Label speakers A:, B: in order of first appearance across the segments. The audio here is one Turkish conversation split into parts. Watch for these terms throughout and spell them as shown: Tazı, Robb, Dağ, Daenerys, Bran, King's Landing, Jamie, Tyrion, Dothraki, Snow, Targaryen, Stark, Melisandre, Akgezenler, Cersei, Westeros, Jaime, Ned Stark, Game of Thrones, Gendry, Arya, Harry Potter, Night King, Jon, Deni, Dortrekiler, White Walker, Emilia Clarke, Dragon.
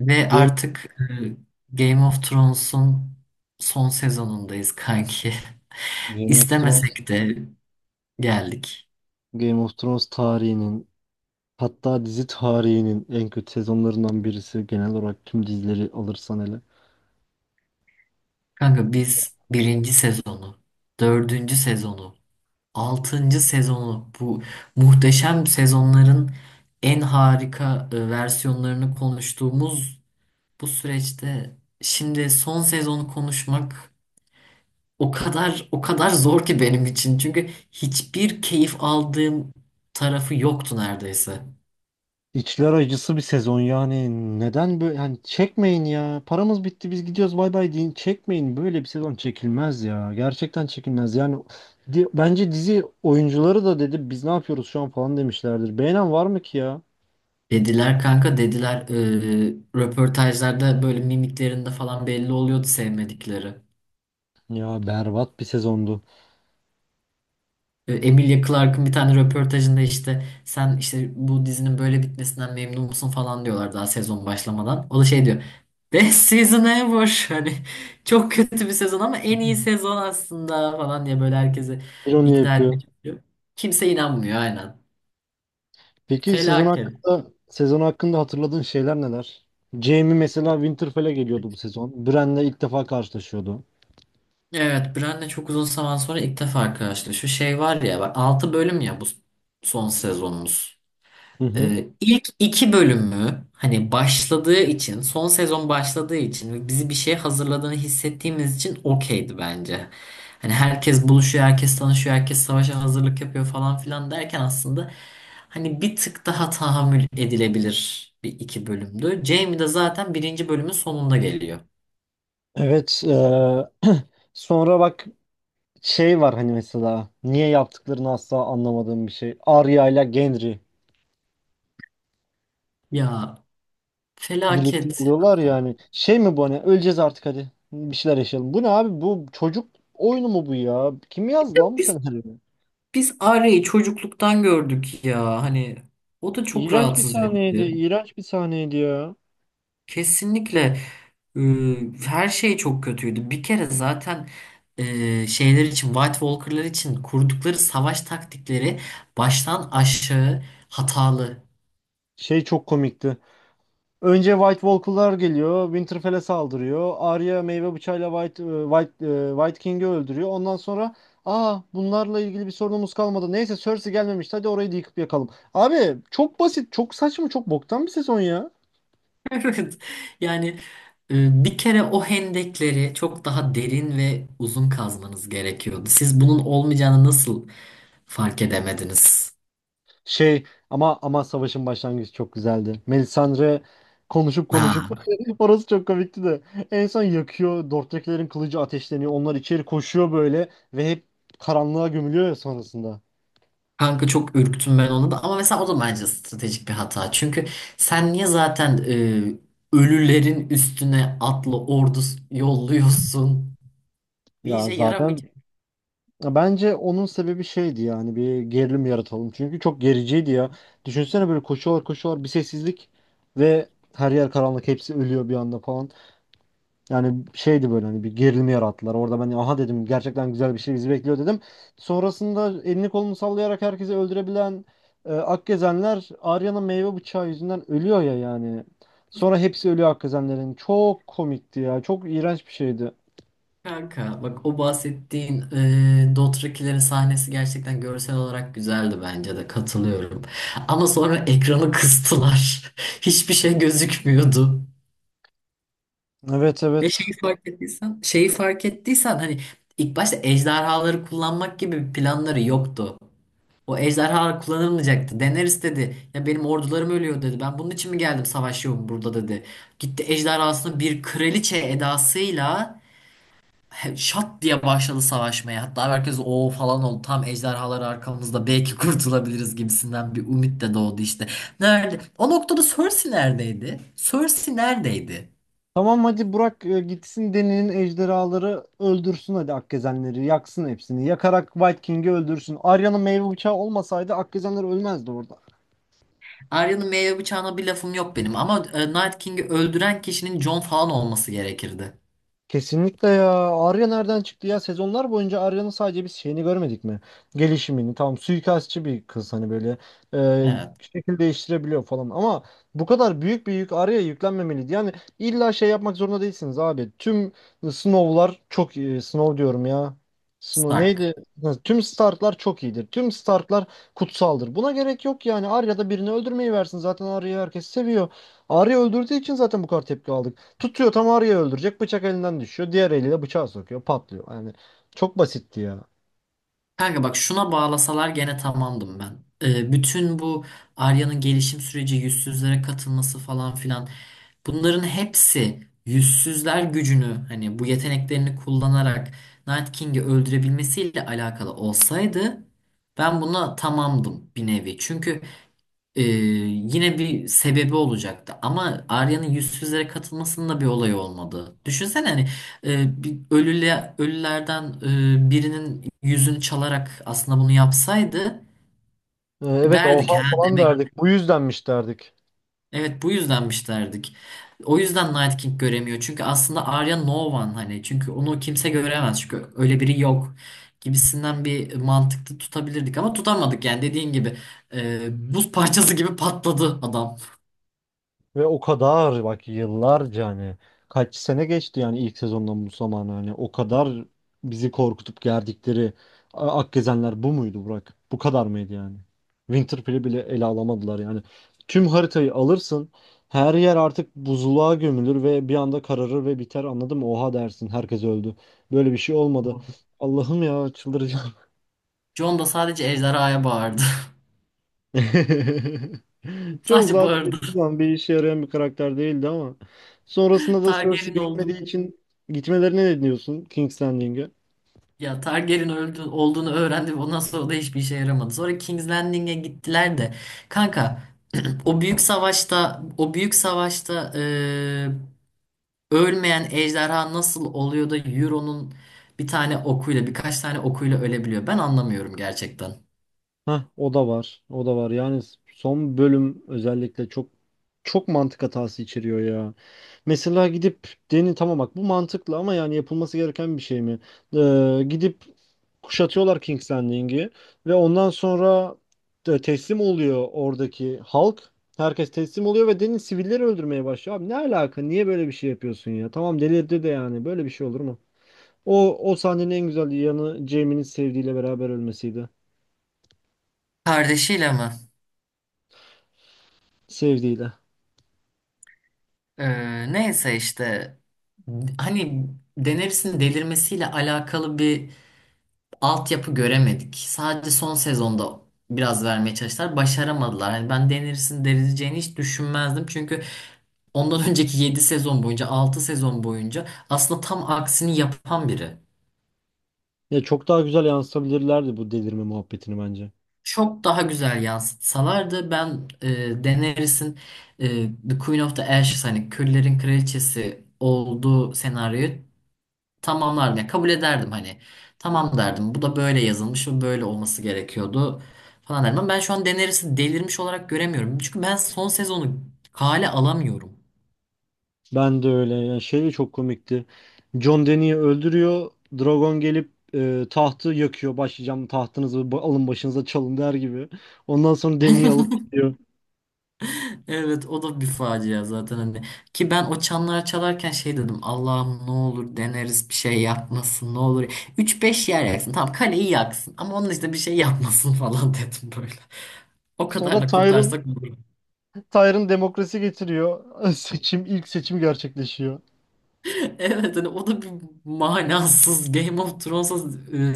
A: Ve
B: Game,
A: artık Game of Thrones'un son sezonundayız kanki.
B: Game of Thrones,
A: İstemesek de geldik.
B: Game of Thrones tarihinin, hatta dizi tarihinin en kötü sezonlarından birisi, genel olarak tüm dizileri alırsan hele.
A: Kanka biz birinci sezonu, dördüncü sezonu, altıncı sezonu bu muhteşem sezonların en harika versiyonlarını konuştuğumuz bu süreçte şimdi son sezonu konuşmak o kadar zor ki benim için. Çünkü hiçbir keyif aldığım tarafı yoktu neredeyse.
B: İçler acısı bir sezon yani, neden böyle yani, çekmeyin ya, paramız bitti biz gidiyoruz bay bay deyin, çekmeyin, böyle bir sezon çekilmez ya, gerçekten çekilmez yani. Bence dizi oyuncuları da dedi biz ne yapıyoruz şu an falan demişlerdir, beğenen var mı ki ya?
A: Dediler kanka dediler röportajlarda böyle mimiklerinde falan belli oluyordu sevmedikleri.
B: Ya berbat bir sezondu.
A: Emilia Clarke'ın bir tane röportajında işte sen işte bu dizinin böyle bitmesinden memnun musun falan diyorlar daha sezon başlamadan. O da şey diyor. Best season ever. Hani çok kötü bir sezon ama en iyi sezon aslında falan diye böyle herkesi
B: Bir onu
A: ikna
B: yapıyor.
A: etmeye çalışıyor. Kimse inanmıyor aynen.
B: Peki sezon
A: Felaket.
B: hakkında sezon hakkında hatırladığın şeyler neler? Jamie mesela Winterfell'e geliyordu bu sezon. Bran'le ilk defa karşılaşıyordu.
A: Evet, Bran'le çok uzun zaman sonra ilk defa karşılaşıyor. Şey var ya, bak 6 bölüm ya bu son sezonumuz.
B: Hı hı.
A: İlk 2 bölümü hani başladığı için, son sezon başladığı için ve bizi bir şeye hazırladığını hissettiğimiz için okeydi bence. Hani herkes buluşuyor, herkes tanışıyor, herkes savaşa hazırlık yapıyor falan filan derken aslında hani bir tık daha tahammül edilebilir bir iki bölümdü. Jamie de zaten birinci bölümün sonunda geliyor.
B: Evet. Sonra bak, şey var hani, mesela niye yaptıklarını asla anlamadığım bir şey. Arya ile Gendry
A: Ya
B: birlikte
A: felaket.
B: oluyorlar ya, hani şey mi bu, hani öleceğiz artık hadi bir şeyler yaşayalım. Bu ne abi, bu çocuk oyunu mu bu ya? Kim yazdı lan bu senaryoyu?
A: Biz Arya'yı çocukluktan gördük ya. Hani o da çok
B: İğrenç bir
A: rahatsız
B: sahneydi,
A: edici.
B: iğrenç bir sahneydi ya.
A: Kesinlikle e, her şey çok kötüydü. Bir kere zaten şeyler için White Walker'lar için kurdukları savaş taktikleri baştan aşağı hatalı.
B: Şey çok komikti. Önce White Walker'lar geliyor, Winterfell'e saldırıyor. Arya meyve bıçağıyla White King'i öldürüyor. Ondan sonra, aa, bunlarla ilgili bir sorunumuz kalmadı. Neyse Cersei gelmemişti, hadi orayı da yıkıp yakalım. Abi çok basit, çok saçma, çok boktan bir sezon ya.
A: Evet. Yani bir kere o hendekleri çok daha derin ve uzun kazmanız gerekiyordu. Siz bunun olmayacağını nasıl fark edemediniz?
B: Şey, ama savaşın başlangıcı çok güzeldi. Melisandre konuşup konuşup
A: Ha.
B: orası çok komikti de. En son yakıyor, Dortrekilerin kılıcı ateşleniyor. Onlar içeri koşuyor böyle ve hep karanlığa gömülüyor ya sonrasında.
A: Kanka çok ürktüm ben onu da ama mesela o da bence stratejik bir hata. Çünkü sen niye zaten ölülerin üstüne atlı ordu yolluyorsun? Bir
B: Ya
A: işe
B: zaten
A: yaramayacak
B: Ya bence onun sebebi şeydi yani, bir gerilim yaratalım. Çünkü çok gericiydi ya. Düşünsene böyle koşuyorlar koşuyorlar, bir sessizlik ve her yer karanlık, hepsi ölüyor bir anda falan. Yani şeydi böyle, hani bir gerilim yarattılar. Orada ben aha dedim, gerçekten güzel bir şey bizi bekliyor dedim. Sonrasında elini kolunu sallayarak herkesi öldürebilen Akgezenler, Arya'nın meyve bıçağı yüzünden ölüyor ya yani. Sonra hepsi ölüyor Akgezenlerin. Çok komikti ya, çok iğrenç bir şeydi.
A: kanka. Bak o bahsettiğin Dothrakilerin sahnesi gerçekten görsel olarak güzeldi bence de katılıyorum. Ama sonra ekranı kıstılar. Hiçbir şey gözükmüyordu.
B: Evet,
A: Ve
B: evet.
A: şeyi fark ettiysen, şeyi fark ettiysen hani ilk başta ejderhaları kullanmak gibi planları yoktu. O ejderha kullanılmayacaktı. Daenerys dedi. Ya benim ordularım ölüyor dedi. Ben bunun için mi geldim savaşıyorum burada dedi. Gitti ejderhasını bir kraliçe edasıyla şat diye başladı savaşmaya. Hatta herkes o falan oldu. Tam ejderhalar arkamızda belki kurtulabiliriz gibisinden bir umut da doğdu işte. Nerede? O noktada Cersei neredeydi? Cersei neredeydi?
B: Tamam, hadi Burak, gitsin Deni'nin ejderhaları öldürsün, hadi Akkezenleri yaksın hepsini. Yakarak White King'i öldürsün. Arya'nın meyve bıçağı olmasaydı Akkezenler ölmezdi orada.
A: Arya'nın meyve bıçağına bir lafım yok benim ama Night King'i öldüren kişinin Jon falan olması gerekirdi.
B: Kesinlikle ya. Arya nereden çıktı ya? Sezonlar boyunca Arya'nın sadece biz şeyini görmedik mi? Gelişimini. Tamam, suikastçı bir kız hani böyle
A: Evet,
B: şekil değiştirebiliyor falan. Ama bu kadar büyük bir yük Arya'ya yüklenmemeliydi. Yani illa şey yapmak zorunda değilsiniz abi. Tüm Snow'lar çok iyi. Snow diyorum ya, Snow
A: Stark.
B: neydi? Ha, tüm Stark'lar çok iyidir. Tüm Stark'lar kutsaldır. Buna gerek yok yani. Arya da birini öldürmeyi versin, zaten Arya'yı herkes seviyor. Arya öldürdüğü için zaten bu kadar tepki aldı. Tutuyor, tam arıyı öldürecek, bıçak elinden düşüyor, diğer eliyle bıçağı sokuyor, patlıyor. Yani çok basitti ya.
A: Kanka bak şuna bağlasalar gene tamamdım ben. Bütün bu Arya'nın gelişim süreci, yüzsüzlere katılması falan filan bunların hepsi yüzsüzler gücünü hani bu yeteneklerini kullanarak Night King'i öldürebilmesiyle alakalı olsaydı ben buna tamamdım bir nevi. Çünkü ee, yine bir sebebi olacaktı ama Arya'nın yüzsüzlere katılmasının da bir olayı olmadı. Düşünsene hani bir ölülerden birinin yüzünü çalarak aslında bunu yapsaydı
B: Evet,
A: derdik
B: oha
A: ha
B: falan
A: demek
B: derdik, bu yüzdenmiş derdik.
A: evet bu yüzdenmiş derdik. O yüzden Night King göremiyor. Çünkü aslında Arya no one hani çünkü onu kimse göremez çünkü öyle biri yok gibisinden bir mantıklı tutabilirdik ama tutamadık yani dediğin gibi buz parçası gibi patladı adam.
B: Ve o kadar bak, yıllarca, hani kaç sene geçti yani ilk sezondan bu zamana, hani o kadar bizi korkutup gerdikleri Akgezenler bu muydu Burak? Bu kadar mıydı yani? Winterfell'i bile ele alamadılar yani. Tüm haritayı alırsın, her yer artık buzluğa gömülür ve bir anda kararır ve biter, anladın mı? Oha dersin, herkes öldü. Böyle bir şey olmadı. Allah'ım ya, çıldıracağım.
A: Jon da sadece ejderhaya bağırdı.
B: John
A: Sadece
B: zaten
A: bağırdı.
B: hiçbir zaman bir işe yarayan bir karakter değildi, ama sonrasında da Cersei
A: Targaryen olduğunu
B: gelmediği için gitmelerine ne diyorsun King's Landing'e?
A: ya Targaryen olduğunu öğrendi ve ondan sonra da hiçbir işe yaramadı. Sonra King's Landing'e gittiler de kanka o büyük savaşta ölmeyen ejderha nasıl oluyor da Euron'un bir tane okuyla birkaç tane okuyla ölebiliyor. Ben anlamıyorum gerçekten.
B: Heh, o da var, o da var. Yani son bölüm özellikle çok çok mantık hatası içeriyor ya. Mesela gidip, Deni, tamam bak bu mantıklı, ama yani yapılması gereken bir şey mi? Gidip kuşatıyorlar King's Landing'i ve ondan sonra teslim oluyor oradaki halk. Herkes teslim oluyor ve Deni sivilleri öldürmeye başlıyor. Abi ne alaka? Niye böyle bir şey yapıyorsun ya? Tamam, delirdi de yani, böyle bir şey olur mu? O sahnenin en güzel yanı Jaime'nin sevdiğiyle beraber ölmesiydi.
A: Kardeşiyle mi?
B: Sevdiğiyle.
A: Neyse işte hani Daenerys'in delirmesiyle alakalı bir altyapı göremedik. Sadece son sezonda biraz vermeye çalıştılar. Başaramadılar. Hani ben denirsin denileceğini hiç düşünmezdim. Çünkü ondan önceki 7 sezon boyunca 6 sezon boyunca aslında tam aksini yapan biri.
B: Ya çok daha güzel yansıtabilirlerdi bu delirme muhabbetini bence.
A: Çok daha güzel yansıtsalardı ben Daenerys'in e, The Queen of the Ashes hani Küllerin Kraliçesi olduğu senaryoyu tamamlardım. Yani kabul ederdim hani. Tamam derdim. Bu da böyle yazılmış ve böyle olması gerekiyordu falan derdim. Ama ben şu an Daenerys'i delirmiş olarak göremiyorum. Çünkü ben son sezonu kale alamıyorum.
B: Ben de öyle. Yani şey de çok komikti. Jon Deni'yi öldürüyor, dragon gelip tahtı yakıyor. Başlayacağım, tahtınızı alın başınıza çalın der gibi. Ondan sonra Deni'yi alıp gidiyor.
A: Evet o da bir facia zaten hani. Ki ben o çanlar çalarken şey dedim. Allah'ım ne olur deneriz bir şey yapmasın ne olur. Üç beş yer yaksın. Tamam kaleyi yaksın ama onun işte bir şey yapmasın falan dedim böyle. O
B: Sonra
A: kadarla
B: Tyrion,
A: kurtarsak olur.
B: Tyrion demokrasi getiriyor. Seçim, ilk seçim gerçekleşiyor.
A: Evet hani o da bir manasız Game of Thrones'a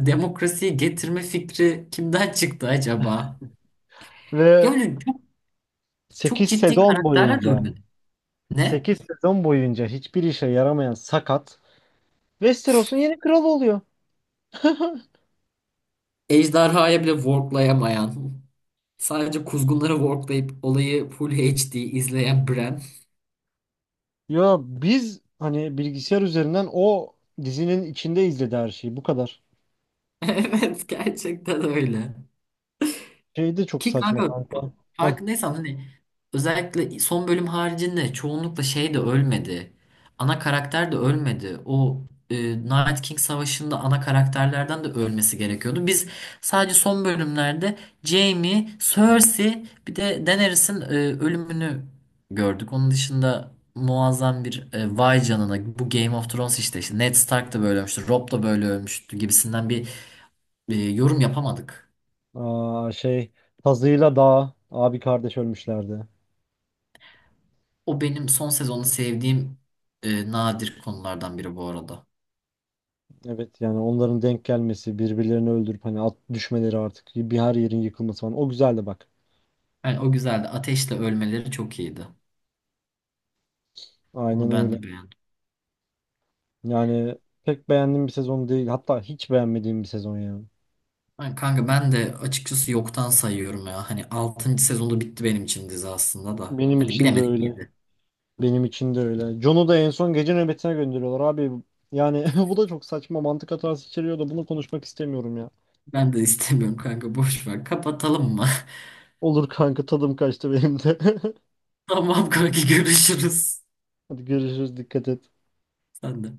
A: demokrasiyi getirme fikri kimden çıktı acaba?
B: Ve
A: Yani çok
B: 8
A: ciddi
B: sezon
A: karakterler de
B: boyunca
A: ölmedi. Ne?
B: 8 sezon boyunca hiçbir işe yaramayan sakat Westeros'un yeni kralı oluyor.
A: Ejderhaya bile worklayamayan, sadece kuzgunları worklayıp olayı full HD izleyen Bran.
B: Ya biz hani bilgisayar üzerinden o dizinin içinde izledi her şeyi. Bu kadar.
A: Evet gerçekten öyle.
B: Şey de çok
A: Ki
B: saçma
A: kanka
B: kanka. Heh.
A: farkındaysan hani özellikle son bölüm haricinde çoğunlukla şey de ölmedi. Ana karakter de ölmedi. E, Night King Savaşı'nda ana karakterlerden de ölmesi gerekiyordu. Biz sadece son bölümlerde Jaime, Cersei bir de Daenerys'in ölümünü gördük. Onun dışında muazzam bir vay canına bu Game of Thrones işte, işte Ned Stark da böyle ölmüştü, Robb da böyle ölmüştü gibisinden bir yorum yapamadık.
B: Aa, şey, Tazı'yla Dağ abi kardeş ölmüşlerdi.
A: O benim son sezonu sevdiğim nadir konulardan biri bu arada.
B: Evet yani, onların denk gelmesi, birbirlerini öldürüp hani at düşmeleri, artık bir her yerin yıkılması falan. O güzeldi bak.
A: Yani o güzeldi. Ateşle ölmeleri çok iyiydi.
B: Aynen
A: Onu ben
B: öyle.
A: de beğendim.
B: Yani pek beğendiğim bir sezon değil, hatta hiç beğenmediğim bir sezon ya.
A: Yani kanka ben de açıkçası yoktan sayıyorum ya. Hani altıncı sezonda bitti benim için dizi aslında da.
B: Benim
A: Hadi
B: için de
A: bilemedik
B: öyle.
A: yedi.
B: Benim için de öyle. John'u da en son gece nöbetine gönderiyorlar abi. Yani bu da çok saçma, mantık hatası içeriyor da bunu konuşmak istemiyorum ya.
A: Ben de istemiyorum kanka boş ver. Kapatalım mı?
B: Olur kanka, tadım kaçtı benim de.
A: Tamam kanka görüşürüz.
B: Hadi görüşürüz, dikkat et.
A: Sen de.